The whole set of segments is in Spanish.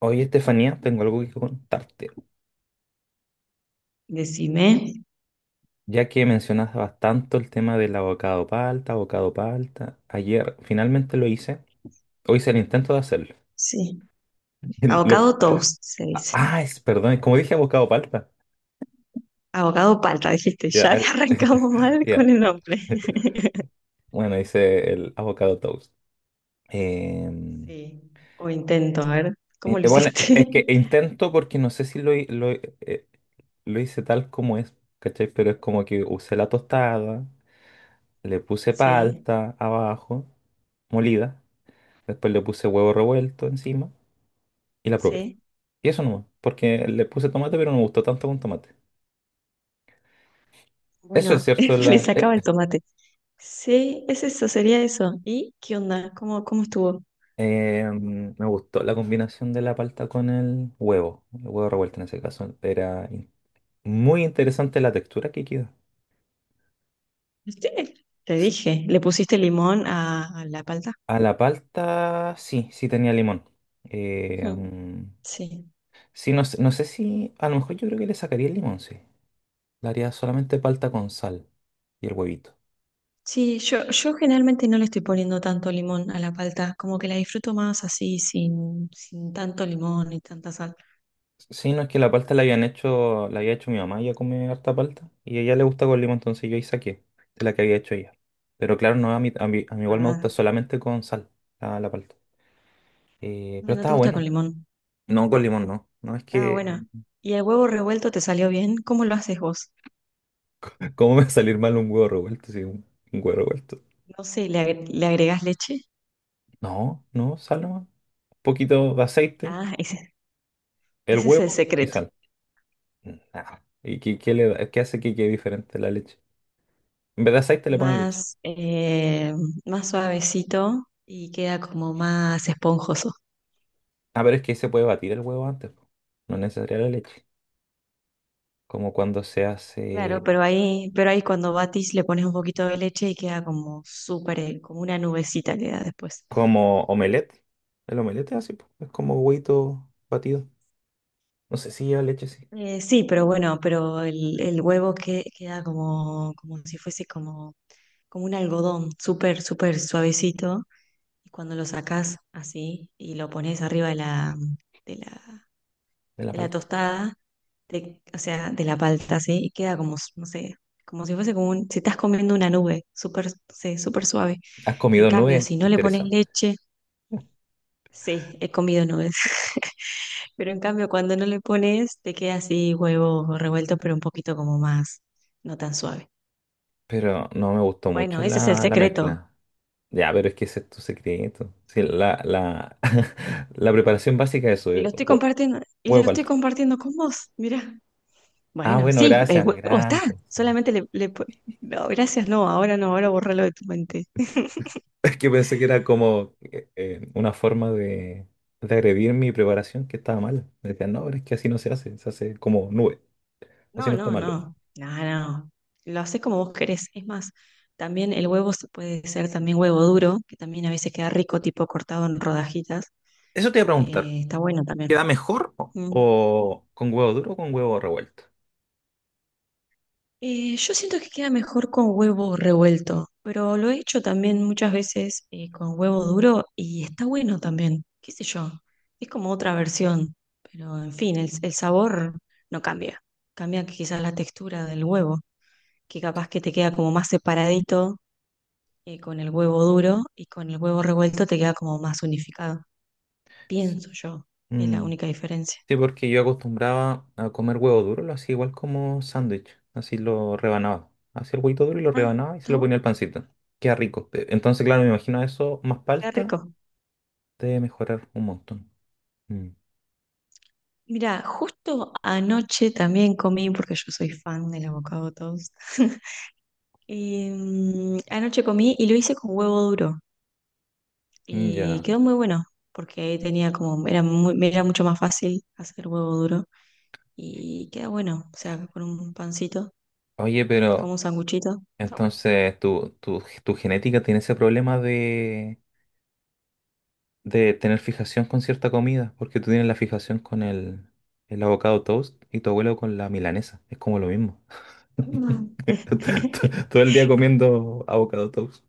Oye, Estefanía, tengo algo que contarte. Decime. Ya que mencionabas tanto el tema del abocado palta, ayer finalmente lo hice. Hoy hice el intento de hacerlo. Sí. El- lo- Avocado toast, se dice. Es, perdón, como dije abocado palta. Avocado palta, dijiste. Ya, Ya al- arrancamos mal ya. con el nombre. Bueno, hice el avocado toast. Em, Sí. O intento, a ver, ¿cómo lo bueno, es hiciste? que intento porque no sé si lo hice tal como es, ¿cachai? Pero es como que usé la tostada, le puse Sí, palta abajo, molida. Después le puse huevo revuelto encima y la probé. sí. Y eso nomás, porque le puse tomate, pero no me gustó tanto con tomate. Eso es Bueno, cierto, le sacaba el tomate. Sí, es eso, sería eso. ¿Y qué onda? ¿Cómo estuvo? Me gustó la combinación de la palta con el huevo. El huevo revuelto en ese caso. Muy interesante la textura que quedó. ¿Viste? Te dije, ¿le pusiste limón a la palta? A la palta, sí, sí tenía limón. Eh, Ujú. mm, Sí. sí, no, no sé si, a lo mejor yo creo que le sacaría el limón, sí. Le haría solamente palta con sal y el huevito. Sí, yo generalmente no le estoy poniendo tanto limón a la palta, como que la disfruto más así, sin tanto limón y tanta sal. Sí, no es que la palta la habían hecho, la había hecho mi mamá, ella come harta palta y a ella le gusta con limón, entonces yo ahí saqué de la que había hecho ella. Pero claro, no, a mí igual me gusta Ah, solamente con sal la palta. Pero mira, no te estaba gusta con bueno. limón. No, con limón no. No es Está que, buena. ¿Y el huevo revuelto te salió bien? ¿Cómo lo haces vos? ¿cómo me va a salir mal un huevo revuelto? Sí, un huevo revuelto. No sé, ¿le agregás leche? No, no, sal nomás. Un poquito de aceite, Ah, ese, el ese es el huevo y secreto. sal. Nada. ¿Y qué hace que quede diferente la leche? En vez de aceite le ponen leche. Más, eh, más suavecito y queda como más esponjoso. Ah, pero es que se puede batir el huevo antes, po. No es necesaria la leche. Como cuando se Claro, hace pero ahí cuando batís le pones un poquito de leche y queda como súper, como una nubecita queda después. como omelette. El omelette es así, po, es como huevito batido. No sé si lleva leche, sí, Sí, pero bueno, pero el huevo que, queda como, como, si fuese como un algodón, súper, súper suavecito. Y cuando lo sacás así y lo pones arriba de la, de la de la palta. tostada, o sea, de la palta, así, y queda como, no sé, como si fuese como un, si estás comiendo una nube, súper, sí, súper suave. ¿Has En comido cambio, nube? si no le pones Interesante. leche, sí, he comido nubes. Pero en cambio, cuando no le pones, te queda así huevo revuelto, pero un poquito como más, no tan suave. Pero no me gustó Bueno, mucho ese es el la secreto. mezcla. Ya, pero es que ese es tu secreto. Sí, la preparación básica es eso, Y lo estoy compartiendo, y lo huevo estoy palta. compartiendo con vos, mirá. Ah, Bueno, bueno, sí, el gracias, huevo está. gracias. Sí. Solamente le— No, gracias, no, ahora no, ahora bórralo de tu mente. Es que pensé que era como una forma de agredir mi preparación que estaba mal. Me decían, no, pero es que así no se hace, se hace como nube. O si No, no está no, malo. no, no, no. Lo haces como vos querés. Es más, también el huevo se puede ser también huevo duro, que también a veces queda rico, tipo cortado en rodajitas. Eso te iba a preguntar. Está bueno también. ¿Queda mejor Mm. o con huevo duro o con huevo revuelto? Yo siento que queda mejor con huevo revuelto, pero lo he hecho también muchas veces con huevo duro y está bueno también, qué sé yo, es como otra versión, pero en fin, el sabor no cambia, cambia quizás la textura del huevo, que capaz que te queda como más separadito con el huevo duro y con el huevo revuelto te queda como más unificado, Sí. pienso yo, es la Mm, única diferencia. sí, porque yo acostumbraba a comer huevo duro, lo hacía igual como sándwich. Así lo rebanaba. Hacía el huevito duro y lo Ah, rebanaba y se está lo bueno, ponía al pancito. Queda rico. Entonces, claro, me imagino eso más queda palta rico. debe mejorar un montón. Mm, Mira, justo anoche también comí, porque yo soy fan del avocado toast. Y, anoche comí y lo hice con huevo duro. Y ya. quedó muy bueno, porque tenía como, era me era mucho más fácil hacer huevo duro. Y queda bueno, o sea, con un pancito, Oye, como pero un sanguchito. Está bueno. entonces tu genética tiene ese problema de tener fijación con cierta comida, porque tú tienes la fijación con el avocado toast y tu abuelo con la milanesa. Es como lo mismo. Mm. Todo el día comiendo avocado toast.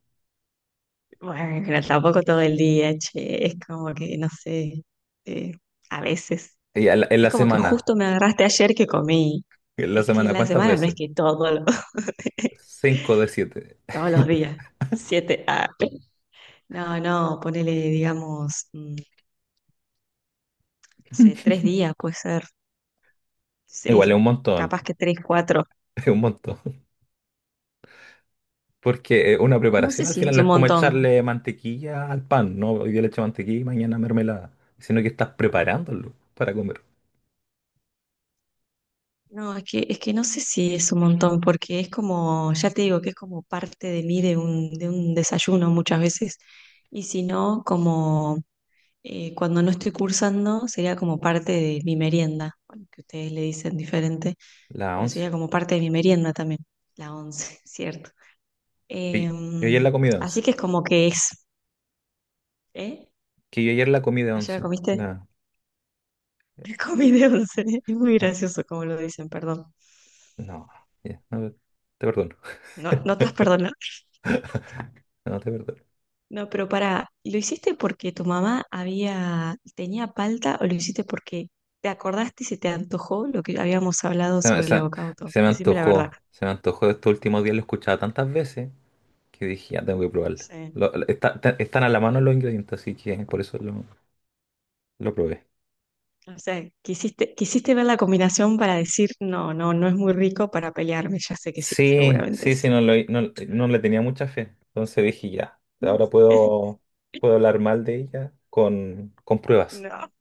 Bueno, pero tampoco todo el día, che. Es como que, no sé, eh, a veces. En Es la como que semana, justo me agarraste ayer que comí. Es que la ¿cuántas semana no es veces? que todos los, Cinco de siete. todos los días, siete, no, no, ponele, digamos, no sé, tres días puede ser, Igual es un sí, montón, capaz que tres, cuatro, es un montón. Porque una no preparación sé al si final es no es un como montón, echarle mantequilla al pan, ¿no? Hoy día le echo mantequilla y mañana mermelada, sino que estás preparándolo para comer. no, es que no sé si es un montón, porque es como, ya te digo, que es como parte de mí de un, desayuno muchas veces, y si no, como cuando no estoy cursando, sería como parte de mi merienda, bueno, que ustedes le dicen diferente La pero once. sería como parte de mi merienda también, la once, ¿cierto? Yo, Eh, yo ayer la comí de once. Así que es como que es, ¿eh? Que yo ayer la comí de ¿Ayer la once. comiste? Comí de once, es muy la- gracioso como lo dicen, perdón. no, ya, no, te perdono. No, no te vas a No, te perdono. No, pero para, ¿lo hiciste porque tu mamá había, tenía palta o lo hiciste porque te acordaste y se te antojó lo que habíamos hablado Se, sobre el se- avocado toast? Decime la verdad. Se me antojó. Estos últimos días lo he escuchado tantas veces que dije, ya tengo que probarlo. Sí. Están a la mano los ingredientes, así que por eso lo probé. O sea, quisiste ver la combinación para decir, no, no, no es muy rico para pelearme, ya sé que sí, Sí, seguramente sí, sí, no, no, no le tenía mucha fe. Entonces dije, ya, ahora puedo, puedo hablar mal de ella con pruebas. No.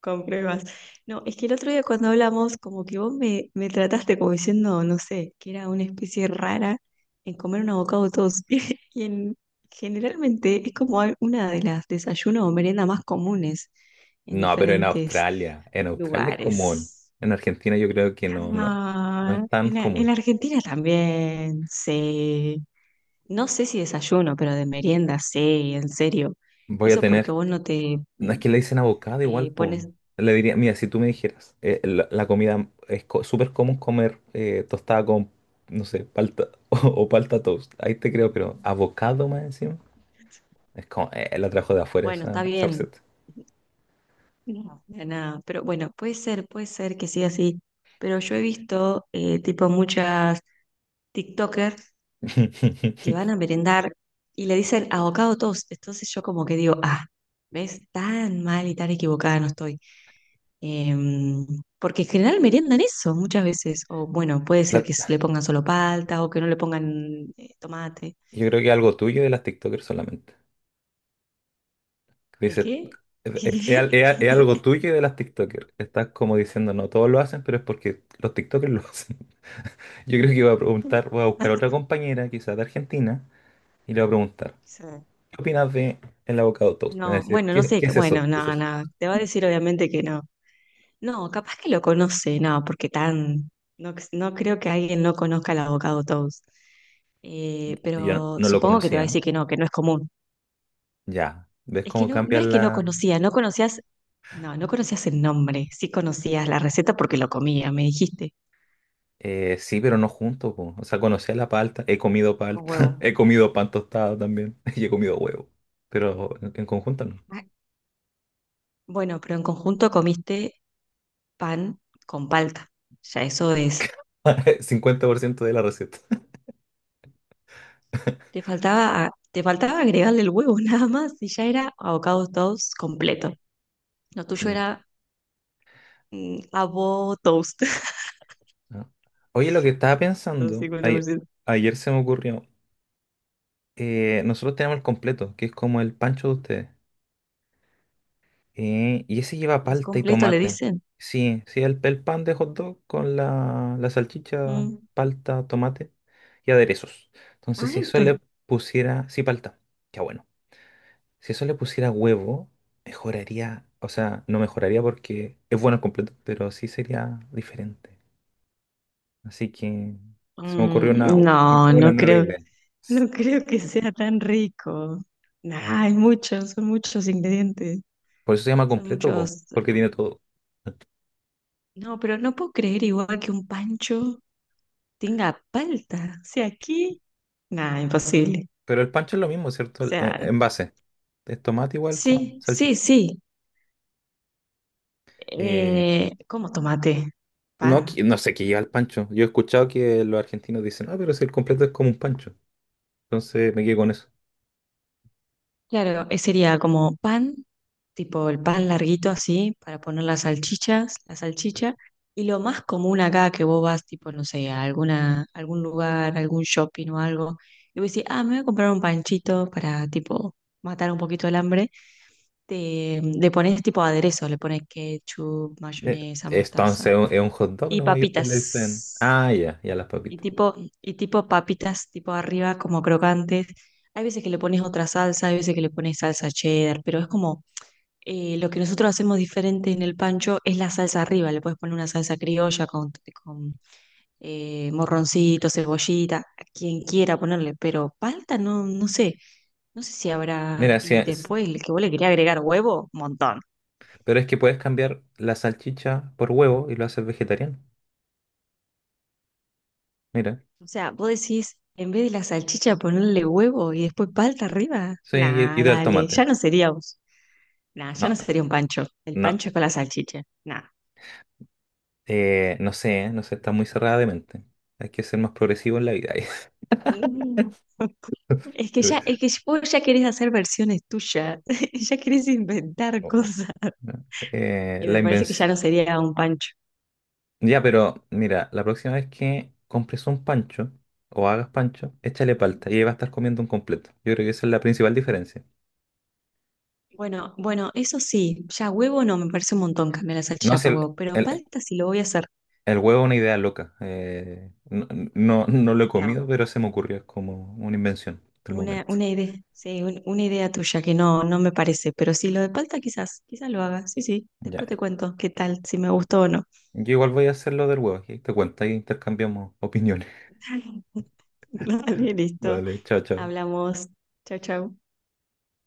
Con pruebas. No, es que el otro día cuando hablamos, como que vos me trataste como diciendo, no sé, que era una especie rara en comer un avocado toast. Y generalmente es como una de las desayunos o meriendas más comunes en No, pero diferentes en Australia es común. lugares. En Argentina yo creo que no, no, no es No, tan en la, en común. la Argentina también, sí. No sé si desayuno, pero de merienda, sí, en serio. Voy a Eso porque tener, vos no te, no es que le dicen avocado, igual, pues. pones, Le diría, mira, si tú me dijeras, la comida es súper común comer tostada con, no sé, palta o palta toast. Ahí te creo, pero abocado más encima. Es como, la trajo de afuera bueno, esa, está esa bien, receta. no, de nada, pero bueno, puede ser que siga así, pero yo he visto tipo muchas TikTokers que van a merendar y le dicen avocado toast, entonces yo como que digo, ah, ¿ves? Tan mal y tan equivocada no estoy. Em, Porque en general meriendan eso muchas veces, o bueno, puede ser que La- le pongan solo palta o que no le pongan tomate. yo creo que algo tuyo de las TikTokers solamente. ¿El Dice, qué? Es algo tuyo y de las TikTokers. Estás como diciendo, no todos lo hacen, pero es porque los TikTokers lo hacen. Yo creo que voy a preguntar, voy a buscar otra compañera, quizás de Argentina, y le voy a preguntar, ¿Qué? ¿qué opinas de el avocado toast? Me va a No, decir, bueno, no sé, qué es eso? bueno, ¿Qué es no, eso? no, te va a decir obviamente que no. No, capaz que lo conoce, no, porque tan, no, no creo que alguien no conozca al abogado Toast. Y yo no, Pero no lo supongo que te va a conocía. decir que no es común. Ya, ¿ves Es que cómo no, no es cambian que no la...? conocía, no conocías, no, no conocías el nombre, sí conocías la receta porque lo comía, me dijiste, Sí, pero no juntos, po. O sea, conocía la palta, he comido no con palta, huevo. he comido pan tostado también, y he comido huevo, pero en conjunto no. Ah, bueno, pero en conjunto comiste pan con palta. Ya eso es 50% de la receta. Te faltaba, te faltaba agregarle el huevo nada más y ya era avocado toast completo. Lo tuyo era avo toast, ¿No? Oye, lo que estaba los pensando, ayer, 50%. ayer se me ocurrió, nosotros tenemos el completo, que es como el pancho de ustedes, y ese lleva ¿Es palta y completo le tomate. dicen? Sí, sí, el pan de hot dog con la salchicha, Ujú. palta, tomate y aderezos. Entonces, si Ahí, eso le pusiera, sí, palta, ya bueno. Si eso le pusiera huevo, mejoraría, o sea, no mejoraría porque es bueno el completo, pero sí sería diferente. Así que se me ocurrió no, una no nueva creo, idea. no creo que sea tan rico. Nah, hay muchos, son muchos ingredientes, Por eso se llama son completo, po, muchos. porque tiene todo. No, pero no puedo creer igual que un pancho tenga palta. O sea, aquí, nah, imposible. Pero el pancho es lo mismo, ¿cierto? O sea, En base. Es tomate igual con sí, sí, salchicha. sí. Eh, ¿Cómo tomate? no, Pan. No sé qué lleva el pancho. Yo he escuchado que los argentinos dicen, ah, pero si el completo es como un pancho. Entonces me quedo con eso. Claro, sería como pan, tipo el pan larguito así, para poner las salchichas, la salchicha. Y lo más común acá que vos vas, tipo, no sé, a alguna, algún lugar, algún shopping o algo, y vos decís, ah, me voy a comprar un panchito para, tipo, matar un poquito el hambre. Te, le pones, tipo, aderezo, le pones ketchup, mayonesa, Entonces mostaza es un hot dog y nomás y ustedes le dicen, papitas. ah, ya, ya las Y papitas. tipo, y tipo papitas, tipo arriba, como crocantes. Hay veces que le pones otra salsa, hay veces que le pones salsa cheddar, pero es como lo que nosotros hacemos diferente en el pancho es la salsa arriba. Le puedes poner una salsa criolla con, con morroncito, cebollita, a quien quiera ponerle, pero palta no, no sé, si habrá. Mira, Y después el que vos le quería agregar huevo, montón. pero es que puedes cambiar la salchicha por huevo y lo haces vegetariano. Mira. O sea, vos decís, en vez de la salchicha ponerle huevo y después palta arriba, Sí, y nada, del dale, ya tomate. no sería Nah, ya No, no sería un pancho. El no. pancho es con la salchicha. Nah. No sé, no sé, está muy cerrada de mente. Hay que ser más progresivo en la vida. Mm. Es que vos ya querés hacer versiones tuyas, ya querés inventar O- o- cosas. ¿no? Y La me parece que ya invención. no sería un pancho. Ya, pero mira, la próxima vez que compres un pancho o hagas pancho, échale Ujú. palta y ahí va a estar comiendo un completo. Yo creo que esa es la principal diferencia. Bueno, bueno, eso sí, ya huevo no, me parece un montón cambiar la No salchicha sé, por huevo, pero el, palta sí lo voy a hacer. el huevo es una idea loca. No, no, no lo he No, comido, pero se me ocurrió. Es como una invención del una, momento. una idea, sí, una idea tuya que no, no me parece, pero sí, lo de palta quizás, lo haga. Sí, sí, Ya, después te cuento qué tal, si me gustó o no. yo igual voy a hacer lo del huevo. Y ahí te cuento, ahí intercambiamos opiniones. Dale, listo. Vale, chao, chao. Hablamos. Chao, chao.